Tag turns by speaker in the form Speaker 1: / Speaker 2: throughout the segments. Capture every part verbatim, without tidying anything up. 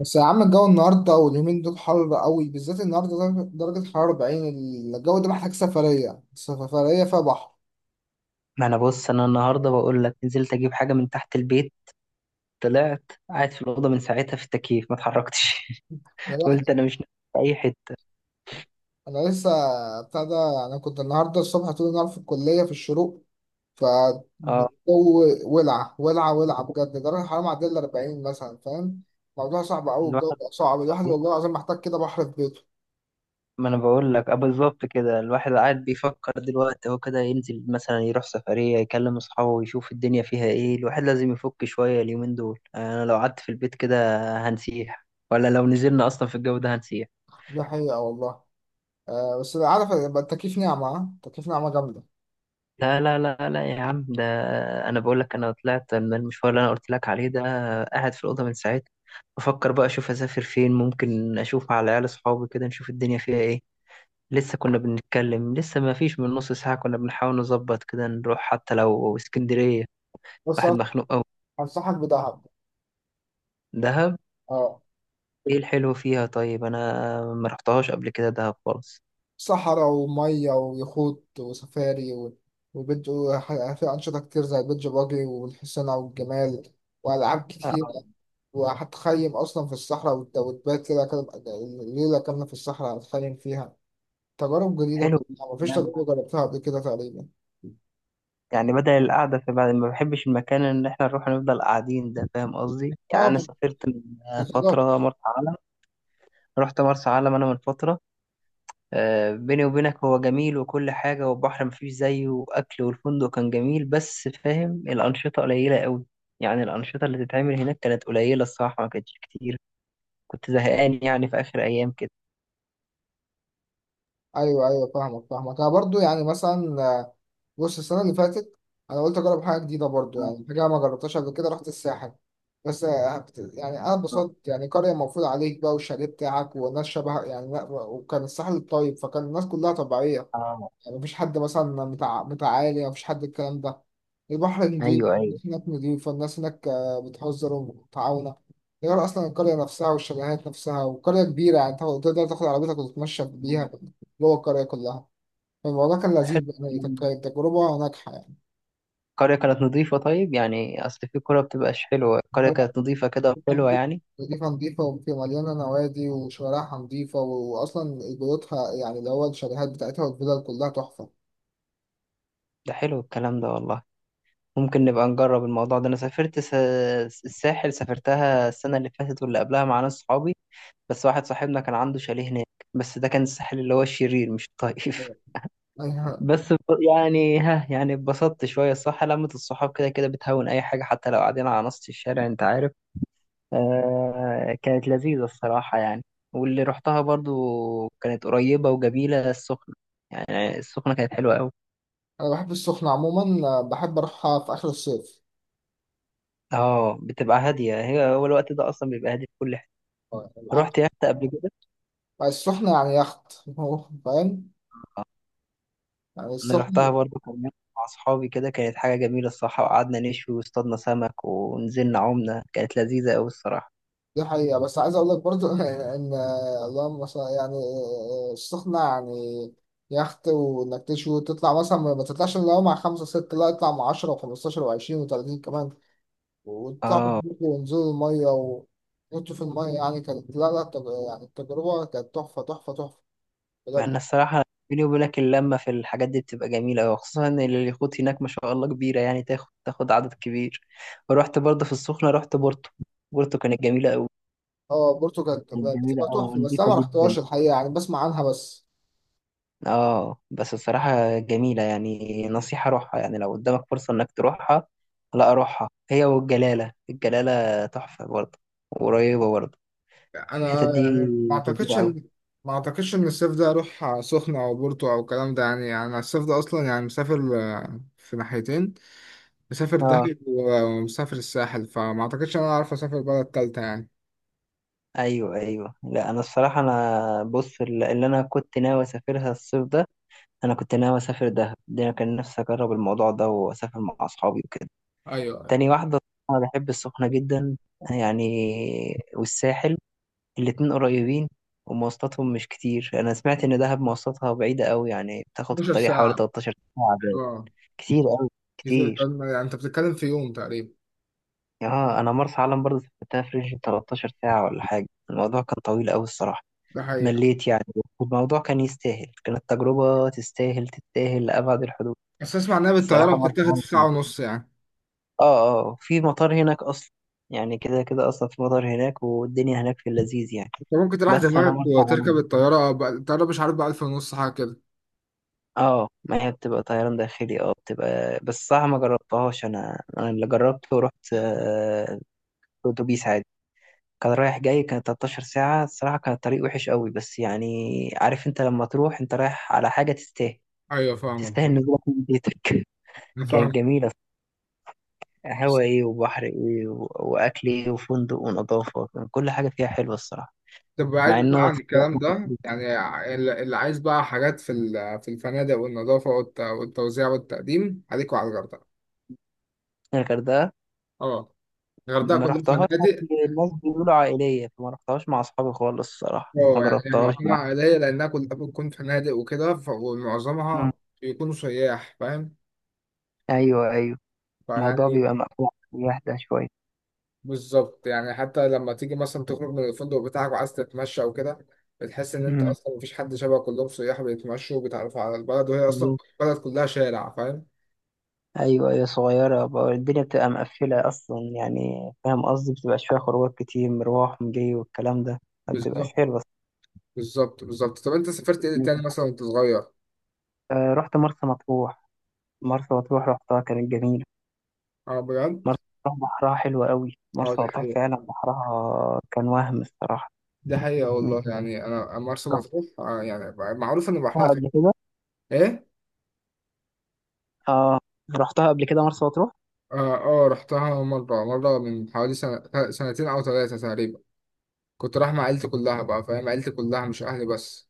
Speaker 1: بس يا عم، الجو النهارده واليومين دول حر قوي، بالذات النهارده درجة درجة حرارة أربعين. الجو ده محتاج سفرية سفرية فيها بحر.
Speaker 2: ما انا بص، انا النهارده بقول لك نزلت اجيب حاجه من تحت البيت. طلعت قاعد في الاوضه من ساعتها في التكييف ما اتحركتش
Speaker 1: يا
Speaker 2: قلت
Speaker 1: بخت.
Speaker 2: انا مش نازل في اي حته.
Speaker 1: أنا لسه بتاع ده. أنا كنت النهارده الصبح طول النهار في الكلية في الشروق،
Speaker 2: اه
Speaker 1: فالجو ولع ولع ولع بجد، درجة الحرارة معدية ال أربعين مثلا، فاهم؟ الموضوع صعب أوي، الجو
Speaker 2: الواحد
Speaker 1: بقى صعب، الواحد
Speaker 2: بص،
Speaker 1: والله العظيم محتاج كده بحر في بيته.
Speaker 2: ما انا بقول لك اه بالظبط كده. الواحد قاعد بيفكر دلوقتي هو كده ينزل مثلا، يروح سفريه، يكلم اصحابه، يشوف الدنيا فيها ايه. الواحد لازم يفك شويه اليومين دول. انا لو قعدت في البيت كده هنسيح، ولا لو نزلنا اصلا في الجو ده هنسيح.
Speaker 1: دي حقيقة والله. آه، بس عارف يبقى التكييف نعمة؟ ها؟ التكييف نعمة جامدة.
Speaker 2: لا لا لا لا يا عم ده انا بقول لك، انا طلعت من المشوار اللي انا قلت لك عليه ده، قاعد في الاوضه من ساعتها. بفكر بقى اشوف اسافر فين، ممكن اشوف على العيال اصحابي كده، نشوف الدنيا فيها ايه. لسه كنا بنتكلم، لسه ما فيش من نص ساعه كنا بنحاول نظبط كده نروح حتى لو اسكندريه.
Speaker 1: بس
Speaker 2: واحد مخنوق قوي.
Speaker 1: أنصحك بدهب.
Speaker 2: دهب
Speaker 1: اه،
Speaker 2: ايه الحلو فيها؟ طيب انا ما رحتهاش قبل كده دهب خالص.
Speaker 1: صحراء ومية ويخوت وسفاري و- وبيج وح- في أنشطة كتير زي البيج باجي والحسنة والجمال، وألعاب كتير.
Speaker 2: آه،
Speaker 1: وهتخيم أصلا في الصحراء وت- وتبات كده كده- ليلة كاملة في الصحراء هتخيم فيها. تجارب جديدة
Speaker 2: حلو.
Speaker 1: كلها، مفيش تجربة جربتها قبل كده تقريبا.
Speaker 2: يعني بدل القعدة في بعد ما بحبش المكان، إن إحنا نروح نفضل قاعدين ده، فاهم قصدي؟ يعني
Speaker 1: اه.
Speaker 2: أنا سافرت من فترة مرسى علم، رحت مرسى علم أنا من فترة. آه، بيني وبينك هو جميل وكل حاجة، والبحر مفيش زيه، وأكل والفندق كان جميل، بس فاهم الأنشطة قليلة قوي. يعني الأنشطة اللي تتعمل هناك كانت قليلة الصراحة، ما كانتش كتير. كنت زهقان يعني في آخر أيام كده.
Speaker 1: ايوه ايوه، فاهمك فاهمك. انا برضو يعني مثلا آه، بص، السنه اللي فاتت انا قلت اجرب حاجه جديده برضو،
Speaker 2: آه.
Speaker 1: يعني حاجه ما جربتهاش قبل كده، رحت الساحل. بس آه، بت- يعني انا
Speaker 2: آه.
Speaker 1: اتبسطت. يعني قريه مفروض عليك بقى، والشاليه بتاعك، والناس شبه يعني، لا، وكان الساحل طيب، فكان الناس كلها طبيعيه.
Speaker 2: آه.
Speaker 1: يعني مفيش حد مثلا متع... متعالي، مفيش حد الكلام ده. البحر نضيف،
Speaker 2: أيوه أيوه.
Speaker 1: الناس هناك نضيفة، الناس هناك آه، بتهزر ومتعاونة. غير أصلا القرية نفسها والشاليهات نفسها، وقرية كبيرة، يعني تاخد- تقدر تاخد عربيتك وتتمشى بيها جوه القرية كلها. فالموضوع كان لذيذ، يعني
Speaker 2: حلو.
Speaker 1: كانت كانت تجربة ناجحة يعني.
Speaker 2: القرية كانت نظيفة؟ طيب يعني أصل في كرة بتبقاش حلوة، القرية
Speaker 1: لا،
Speaker 2: كانت نظيفة كده
Speaker 1: نضيفة
Speaker 2: وحلوة يعني.
Speaker 1: نضيفة نضيفة، وفي مليانة نوادي، وشوارعها نضيفة، وأصلا بيوتها يعني اللي هو الشاليهات بتاعتها والفيلل كلها تحفة.
Speaker 2: ده حلو الكلام ده والله. ممكن نبقى نجرب الموضوع ده. أنا سافرت س... الساحل سافرتها السنة اللي فاتت واللي قبلها مع ناس صحابي، بس واحد صاحبنا كان عنده شاليه هناك. بس ده كان الساحل اللي هو الشرير مش الطيف.
Speaker 1: أيوة.
Speaker 2: بس ب- يعني ها، يعني اتبسطت شوية. الصح لمة الصحاب كده كده بتهون أي حاجة، حتى لو قاعدين على نص الشارع أنت عارف. آه كانت لذيذة الصراحة يعني. واللي رحتها برضو كانت قريبة وجميلة، السخنة. يعني السخنة كانت حلوة أوي.
Speaker 1: أنا بحب السخنة عموما، آه، بحب أروحها في آخر الصيف.
Speaker 2: اه بتبقى هادية هي هو الوقت ده أصلا بيبقى هادي في كل حتة.
Speaker 1: عب-
Speaker 2: رحت يخت قبل كده؟
Speaker 1: السخنة يعني يخت. هو فاهم يعني
Speaker 2: أنا
Speaker 1: السخنة.
Speaker 2: رحتها برضو كان يخت مع أصحابي كده، كانت حاجة جميلة الصراحة، وقعدنا نشوي واصطادنا سمك ونزلنا عمنا، كانت لذيذة أوي الصراحة.
Speaker 1: دي حقيقة، بس عايز أقول لك برضو إن، اللهم مثلا، يعني السخنة يعني يخت، وإنك تشوي تطلع، مثلا ما ما تطلعش إلا هو مع خمسة ستة، لا، اطلع مع عشرة وخمستاشر وعشرين وتلاتين كمان، وتطلعوا
Speaker 2: اه.
Speaker 1: تبقوا ونزلوا المية وتنطوا في المية. يعني كانت، لا لا، التج- يعني التجربة كانت تحفة تحفة تحفة
Speaker 2: مع
Speaker 1: بجد.
Speaker 2: ان الصراحه، بيني وبينك، اللمه في الحاجات دي بتبقى جميله قوي، خصوصا ان اليخوت هناك ما شاء الله كبيره، يعني تاخد تاخد عدد كبير. ورحت برضه في السخنه، رحت بورتو. بورتو كانت جميله قوي.
Speaker 1: اه، بورتو كانت
Speaker 2: كانت
Speaker 1: بتبقى
Speaker 2: جميله قوي
Speaker 1: تحفة، بس أنا
Speaker 2: ونضيفه
Speaker 1: ما
Speaker 2: جدا.
Speaker 1: رحتهاش الحقيقة، يعني بسمع عنها بس.
Speaker 2: اه بس الصراحه جميله، يعني نصيحه روحها، يعني لو قدامك فرصه انك تروحها. لا روحها، هي والجلاله، الجلاله تحفه برضه، وقريبه برضه. الحتت
Speaker 1: انا
Speaker 2: دي
Speaker 1: يعني ما اعتقدش
Speaker 2: جميله قوي.
Speaker 1: ان ما اعتقدش ان الصيف ده اروح سخنة او بورتو او الكلام ده. يعني انا الصيف ده اصلا يعني مسافر آه، في ناحيتين، مسافر
Speaker 2: اه.
Speaker 1: دهب ومسافر الساحل. فما اعتقدش ان انا اعرف اسافر بلد تالتة يعني.
Speaker 2: ايوه ايوه. لا انا الصراحه انا بص، اللي اللي انا كنت ناوي اسافرها الصيف ده، انا كنت ناوي اسافر دهب. ده أنا كان نفسي اجرب الموضوع ده واسافر مع اصحابي وكده.
Speaker 1: ايوه أيوة.
Speaker 2: تاني واحده، انا بحب السخنه جدا يعني، والساحل، الاتنين قريبين ومواصلاتهم مش كتير. انا سمعت ان دهب مواصلاتها بعيده قوي، يعني بتاخد في
Speaker 1: اتناشر
Speaker 2: الطريق حوالي
Speaker 1: ساعة.
Speaker 2: تلتاشر ساعه باين.
Speaker 1: اه،
Speaker 2: كتير قوي،
Speaker 1: كتير-
Speaker 2: كتير.
Speaker 1: يعني انت بتتكلم في يوم تقريبا.
Speaker 2: اه انا مرسى علم برضه سافرتها في رينج تلتاشر ساعه ولا حاجه، الموضوع كان طويل قوي الصراحه،
Speaker 1: ده حقيقة.
Speaker 2: مليت يعني. الموضوع كان يستاهل، كانت تجربه تستاهل تستاهل لابعد الحدود.
Speaker 1: بس اسمع انها بالطيارة
Speaker 2: الصراحه مرسى
Speaker 1: بتتاخد في ساعة
Speaker 2: علم،
Speaker 1: ونص يعني.
Speaker 2: اه اه في مطار هناك اصلا. يعني كده كده اصلا في مطار هناك والدنيا هناك في اللذيذ يعني.
Speaker 1: انت ممكن تريح
Speaker 2: بس انا
Speaker 1: دماغك
Speaker 2: مرسى
Speaker 1: وتركب
Speaker 2: علم،
Speaker 1: الطيارة، بقى الطيارة مش عارف بقى ألف ونص، حاجة كده.
Speaker 2: اه ما هي بتبقى طيران داخلي، اه بتبقى بس صح، ما جربتهاش انا. انا اللي جربته رحت آه، اتوبيس عادي، كان رايح جاي كان تلتاشر ساعة الصراحة. كان الطريق وحش قوي بس يعني عارف انت، لما تروح انت رايح على حاجة تستاهل،
Speaker 1: ايوه فاهمك.
Speaker 2: تستاهل نزولك من بيتك.
Speaker 1: انا
Speaker 2: كانت
Speaker 1: فاهمك.
Speaker 2: جميلة. هوا ايه، وبحر ايه، و- واكل ايه، وفندق ونظافة، كان كل حاجة فيها حلوة الصراحة.
Speaker 1: طب بعيد
Speaker 2: مع ان
Speaker 1: بقى
Speaker 2: انا
Speaker 1: عن الكلام
Speaker 2: اتخيلت
Speaker 1: ده، يعني ال- اللي عايز بقى حاجات في ال- في الفنادق والنظافة والت- والتوزيع والتقديم، عليك وعلى الغردقة.
Speaker 2: الغردقه.
Speaker 1: اه، الغردقة
Speaker 2: ما
Speaker 1: كلها
Speaker 2: رحتهاش،
Speaker 1: فنادق.
Speaker 2: الناس بيقولوا عائليه، فما رحتهاش مع اصحابي خالص الصراحه، ما
Speaker 1: اه، يعني
Speaker 2: جربتهاش
Speaker 1: معظمها
Speaker 2: يعني.
Speaker 1: عائلية لأنها كلها بتكون فنادق وكده، ف-
Speaker 2: مم.
Speaker 1: ومعظمها بيكونوا سياح، فاهم؟
Speaker 2: ايوه ايوه. الموضوع
Speaker 1: فيعني،
Speaker 2: بيبقى مقفول، يهدى شويه.
Speaker 1: بالظبط، يعني حتى لما تيجي مثلا تخرج من الفندق بتاعك وعايز تتمشى وكده، بتحس إن أنت
Speaker 2: مم.
Speaker 1: أصلا مفيش حد، شبه كلهم سياح بيتمشوا وبيتعرفوا على البلد، وهي أصلا
Speaker 2: بالظبط.
Speaker 1: البلد كلها شارع، فاهم؟
Speaker 2: ايوه ايوه. صغيره بقى الدنيا، بتبقى مقفله اصلا يعني، فاهم قصدي، بتبقى شويه خروجات، كتير مروح ومجي والكلام ده، ما بتبقاش
Speaker 1: بالظبط
Speaker 2: حلوه.
Speaker 1: بالظبط بالظبط. طب انت سافرت ايه تاني مثلا
Speaker 2: الصراحة،
Speaker 1: وانت صغير؟
Speaker 2: آه، رحت مرسى مطروح. مرسى مطروح رحتها كانت جميلة.
Speaker 1: اه، بجد.
Speaker 2: مرسى مطروح بحرها حلو قوي.
Speaker 1: اه،
Speaker 2: مرسى
Speaker 1: دي
Speaker 2: مطروح
Speaker 1: حقيقة.
Speaker 2: فعلا بحرها كان وهم الصراحة.
Speaker 1: دي حقيقة
Speaker 2: م-
Speaker 1: والله، يعني انا مرسى مطروح آه يعني معروف ان بحرها
Speaker 2: رحتها
Speaker 1: طيب.
Speaker 2: قبل كده.
Speaker 1: ايه؟
Speaker 2: اه رحتها قبل كده مرسى مطروح.
Speaker 1: اه اه، رحتها مرة مرة من حوالي سنة، سنتين او ثلاثة تقريبا. كنت رايح مع عيلتي كلها بقى، فاهم؟ عيلتي كلها مش اهلي بس.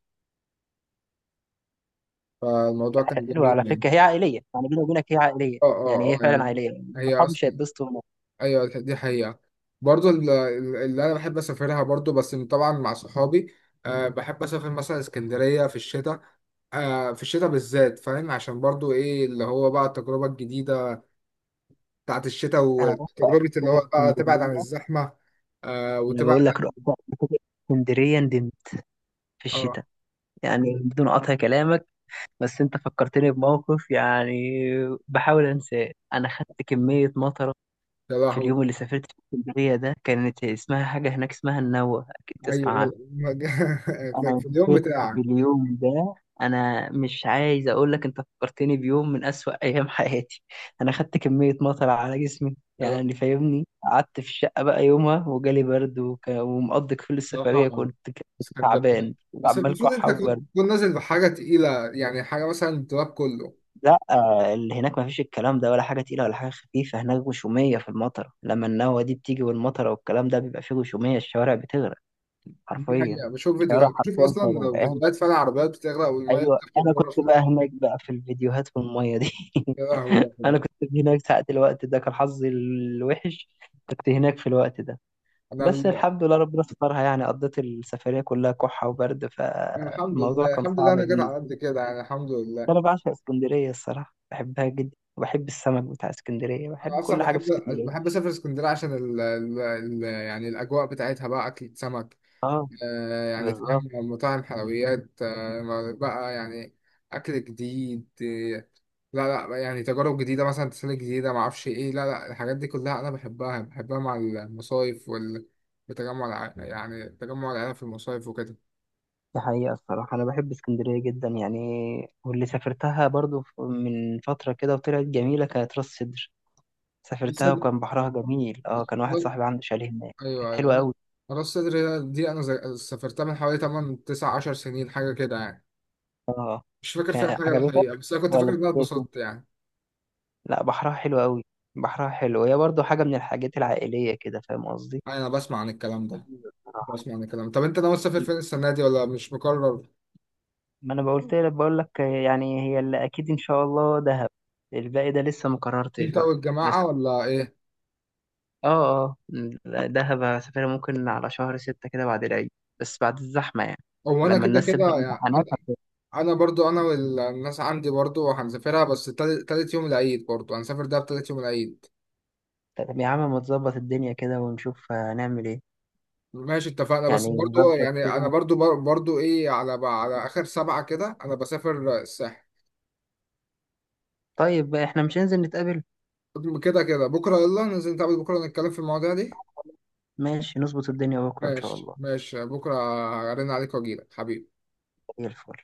Speaker 1: فالموضوع كان
Speaker 2: حلوة على
Speaker 1: جميل يعني.
Speaker 2: فكرة، هي عائلية يعني، بيني وبينك هي عائلية.
Speaker 1: اه
Speaker 2: يعني
Speaker 1: اه
Speaker 2: هي
Speaker 1: اه،
Speaker 2: فعلا
Speaker 1: يعني
Speaker 2: عائلية،
Speaker 1: هي
Speaker 2: صحابي مش
Speaker 1: اصلا.
Speaker 2: هيتبسطوا هناك.
Speaker 1: ايوه دي حقيقة. برضو ال- ال- اللي انا بحب اسافرها برضو، بس طبعا مع صحابي. أه بحب اسافر مثلا اسكندرية في الشتاء. آه، في الشتاء بالذات، فاهم؟ عشان برضو ايه، اللي هو بقى التجربة الجديدة بتاعت الشتاء،
Speaker 2: أنا رحت قبل
Speaker 1: وتجربة اللي
Speaker 2: كده
Speaker 1: هو بقى تبعد عن
Speaker 2: اسكندرية.
Speaker 1: الزحمة. آه
Speaker 2: أنا
Speaker 1: وتبعد.
Speaker 2: بقول لك رحت قبل كده اسكندرية ندمت، في الشتاء.
Speaker 1: اه.
Speaker 2: يعني بدون قطع كلامك، بس أنت فكرتني بموقف يعني بحاول أنساه. أنا خدت كمية مطرة
Speaker 1: يا
Speaker 2: في
Speaker 1: لهوي.
Speaker 2: اليوم اللي سافرت في اسكندرية ده. كانت اسمها حاجة هناك اسمها النوة، أكيد
Speaker 1: ايوه،
Speaker 2: تسمع.
Speaker 1: يا- في
Speaker 2: انا
Speaker 1: في اليوم
Speaker 2: فكرت في
Speaker 1: بتاعك.
Speaker 2: اليوم ده، انا مش عايز اقول لك انت فكرتني بيوم من اسوأ ايام حياتي. انا خدت كمية مطر على جسمي
Speaker 1: يا لا.
Speaker 2: يعني فاهمني. قعدت في الشقة بقى يومها وجالي برد وك... ومقضي كل السفرية،
Speaker 1: بصراحة
Speaker 2: كنت ك-
Speaker 1: اسكندرية.
Speaker 2: تعبان
Speaker 1: بس
Speaker 2: وعمال
Speaker 1: المفروض انت
Speaker 2: كحة
Speaker 1: كنت
Speaker 2: وبرد.
Speaker 1: تكون نازل بحاجة تقيلة، يعني حاجة مثلا التراب كله.
Speaker 2: لا آه، اللي هناك ما فيش الكلام ده، ولا حاجة تقيلة ولا حاجة خفيفة، هناك غشومية في المطر. لما النوة دي بتيجي والمطر والكلام ده، بيبقى فيه غشومية، الشوارع بتغرق،
Speaker 1: دي
Speaker 2: حرفيا.
Speaker 1: حقيقة، بشوف
Speaker 2: الشوارع
Speaker 1: فيديوهات، بشوف
Speaker 2: حرفيا كانت
Speaker 1: اصلا
Speaker 2: غرقانة.
Speaker 1: فيديوهات، فعلا عربيات بتغرق والمية
Speaker 2: ايوه
Speaker 1: بتخرج
Speaker 2: انا
Speaker 1: بره.
Speaker 2: كنت بقى هناك بقى في الفيديوهات في الميه دي.
Speaker 1: يا لهوي يا جدع.
Speaker 2: انا كنت هناك ساعة الوقت ده، كان حظي الوحش، كنت هناك في الوقت ده.
Speaker 1: انا
Speaker 2: بس
Speaker 1: ال-
Speaker 2: الحمد لله ربنا سترها، يعني قضيت السفرية كلها كحة وبرد،
Speaker 1: أنا الحمد
Speaker 2: فالموضوع
Speaker 1: لله،
Speaker 2: كان
Speaker 1: الحمد لله،
Speaker 2: صعب
Speaker 1: انا جيت على
Speaker 2: بالنسبة
Speaker 1: قد
Speaker 2: لي.
Speaker 1: كده يعني، الحمد لله.
Speaker 2: انا بعشق اسكندرية الصراحة، بحبها جدا، وبحب السمك بتاع اسكندرية،
Speaker 1: انا
Speaker 2: بحب
Speaker 1: اصلا
Speaker 2: كل حاجة في
Speaker 1: بحب،
Speaker 2: اسكندرية.
Speaker 1: بحب اسافر اسكندريه عشان ال... ال... ال... يعني الاجواء بتاعتها بقى، اكل سمك،
Speaker 2: اه.
Speaker 1: آه يعني
Speaker 2: بالظبط.
Speaker 1: فاهم، مطاعم، حلويات، آه بقى يعني، اكل جديد آه لا لا، يعني تجارب جديده، مثلا تسالي جديده، ما اعرفش ايه، لا لا، الحاجات دي كلها انا بحبها بحبها، مع المصايف وال، بتجمع الع... يعني تجمع العيله في المصايف وكده.
Speaker 2: دي حقيقة الصراحة أنا بحب اسكندرية جدا يعني. واللي سافرتها برضو ف- من فترة كده وطلعت جميلة، كانت راس سدر.
Speaker 1: راس
Speaker 2: سافرتها
Speaker 1: صدر.
Speaker 2: وكان بحرها جميل، اه كان واحد
Speaker 1: لا-
Speaker 2: صاحبي عنده شاليه هناك،
Speaker 1: ايوه
Speaker 2: كانت حلوة
Speaker 1: ايوه،
Speaker 2: قوي.
Speaker 1: راس صدر دي انا ز- سافرتها من حوالي تمانية تسعة عشر سنين حاجه كده يعني.
Speaker 2: اه.
Speaker 1: مش فاكر فيها
Speaker 2: كان
Speaker 1: حاجة
Speaker 2: عجبتك
Speaker 1: الحقيقة، بس أنا كنت فاكر
Speaker 2: ولا
Speaker 1: إن
Speaker 2: مش
Speaker 1: أنا
Speaker 2: فاكر؟
Speaker 1: اتبسطت يعني.
Speaker 2: لا بحرها حلو قوي. بحرها حلو، هي برضو حاجة من الحاجات العائلية كده، فاهم قصدي.
Speaker 1: أنا بسمع عن الكلام ده،
Speaker 2: لذيذة بصراحة.
Speaker 1: بسمع عن الكلام. طب أنت ناوي تسافر فين السنة دي ولا مش مقرر؟
Speaker 2: ما انا بقولت لك، بقول لك يعني هي اللي اكيد ان شاء الله دهب، الباقي ده لسه ما قررتش
Speaker 1: أنت
Speaker 2: بقى. بس
Speaker 1: والجماعة ولا إيه؟
Speaker 2: اه اه. لا، دهب هسافرها ممكن على شهر ستة كده بعد العيد، بس بعد الزحمة يعني،
Speaker 1: هو أنا
Speaker 2: لما
Speaker 1: كده
Speaker 2: الناس
Speaker 1: كده
Speaker 2: تبدأ
Speaker 1: يعني. أنا،
Speaker 2: امتحانات هت-
Speaker 1: أنا برضو، أنا والناس عندي برضو هنسافرها بس تالت تالت يوم العيد، برضو هنسافر ده تالت يوم العيد.
Speaker 2: طب يا عم ما تظبط الدنيا كده ونشوف هنعمل ايه.
Speaker 1: ماشي اتفقنا، بس
Speaker 2: يعني
Speaker 1: برضو
Speaker 2: نظبط
Speaker 1: يعني أنا
Speaker 2: كده.
Speaker 1: برضو بر- برضو إيه، على على آخر سبعة كده أنا بسافر الساحل.
Speaker 2: طيب احنا مش هننزل نتقابل؟
Speaker 1: كده كده بكرة، يلا ننزل نتقابل بكرة نتكلم في المواضيع دي.
Speaker 2: ماشي نظبط الدنيا بكرة ان شاء
Speaker 1: ماشي
Speaker 2: الله.
Speaker 1: ماشي بكرة. أرن عليك وأجيلك حبيبي.
Speaker 2: زي الفل.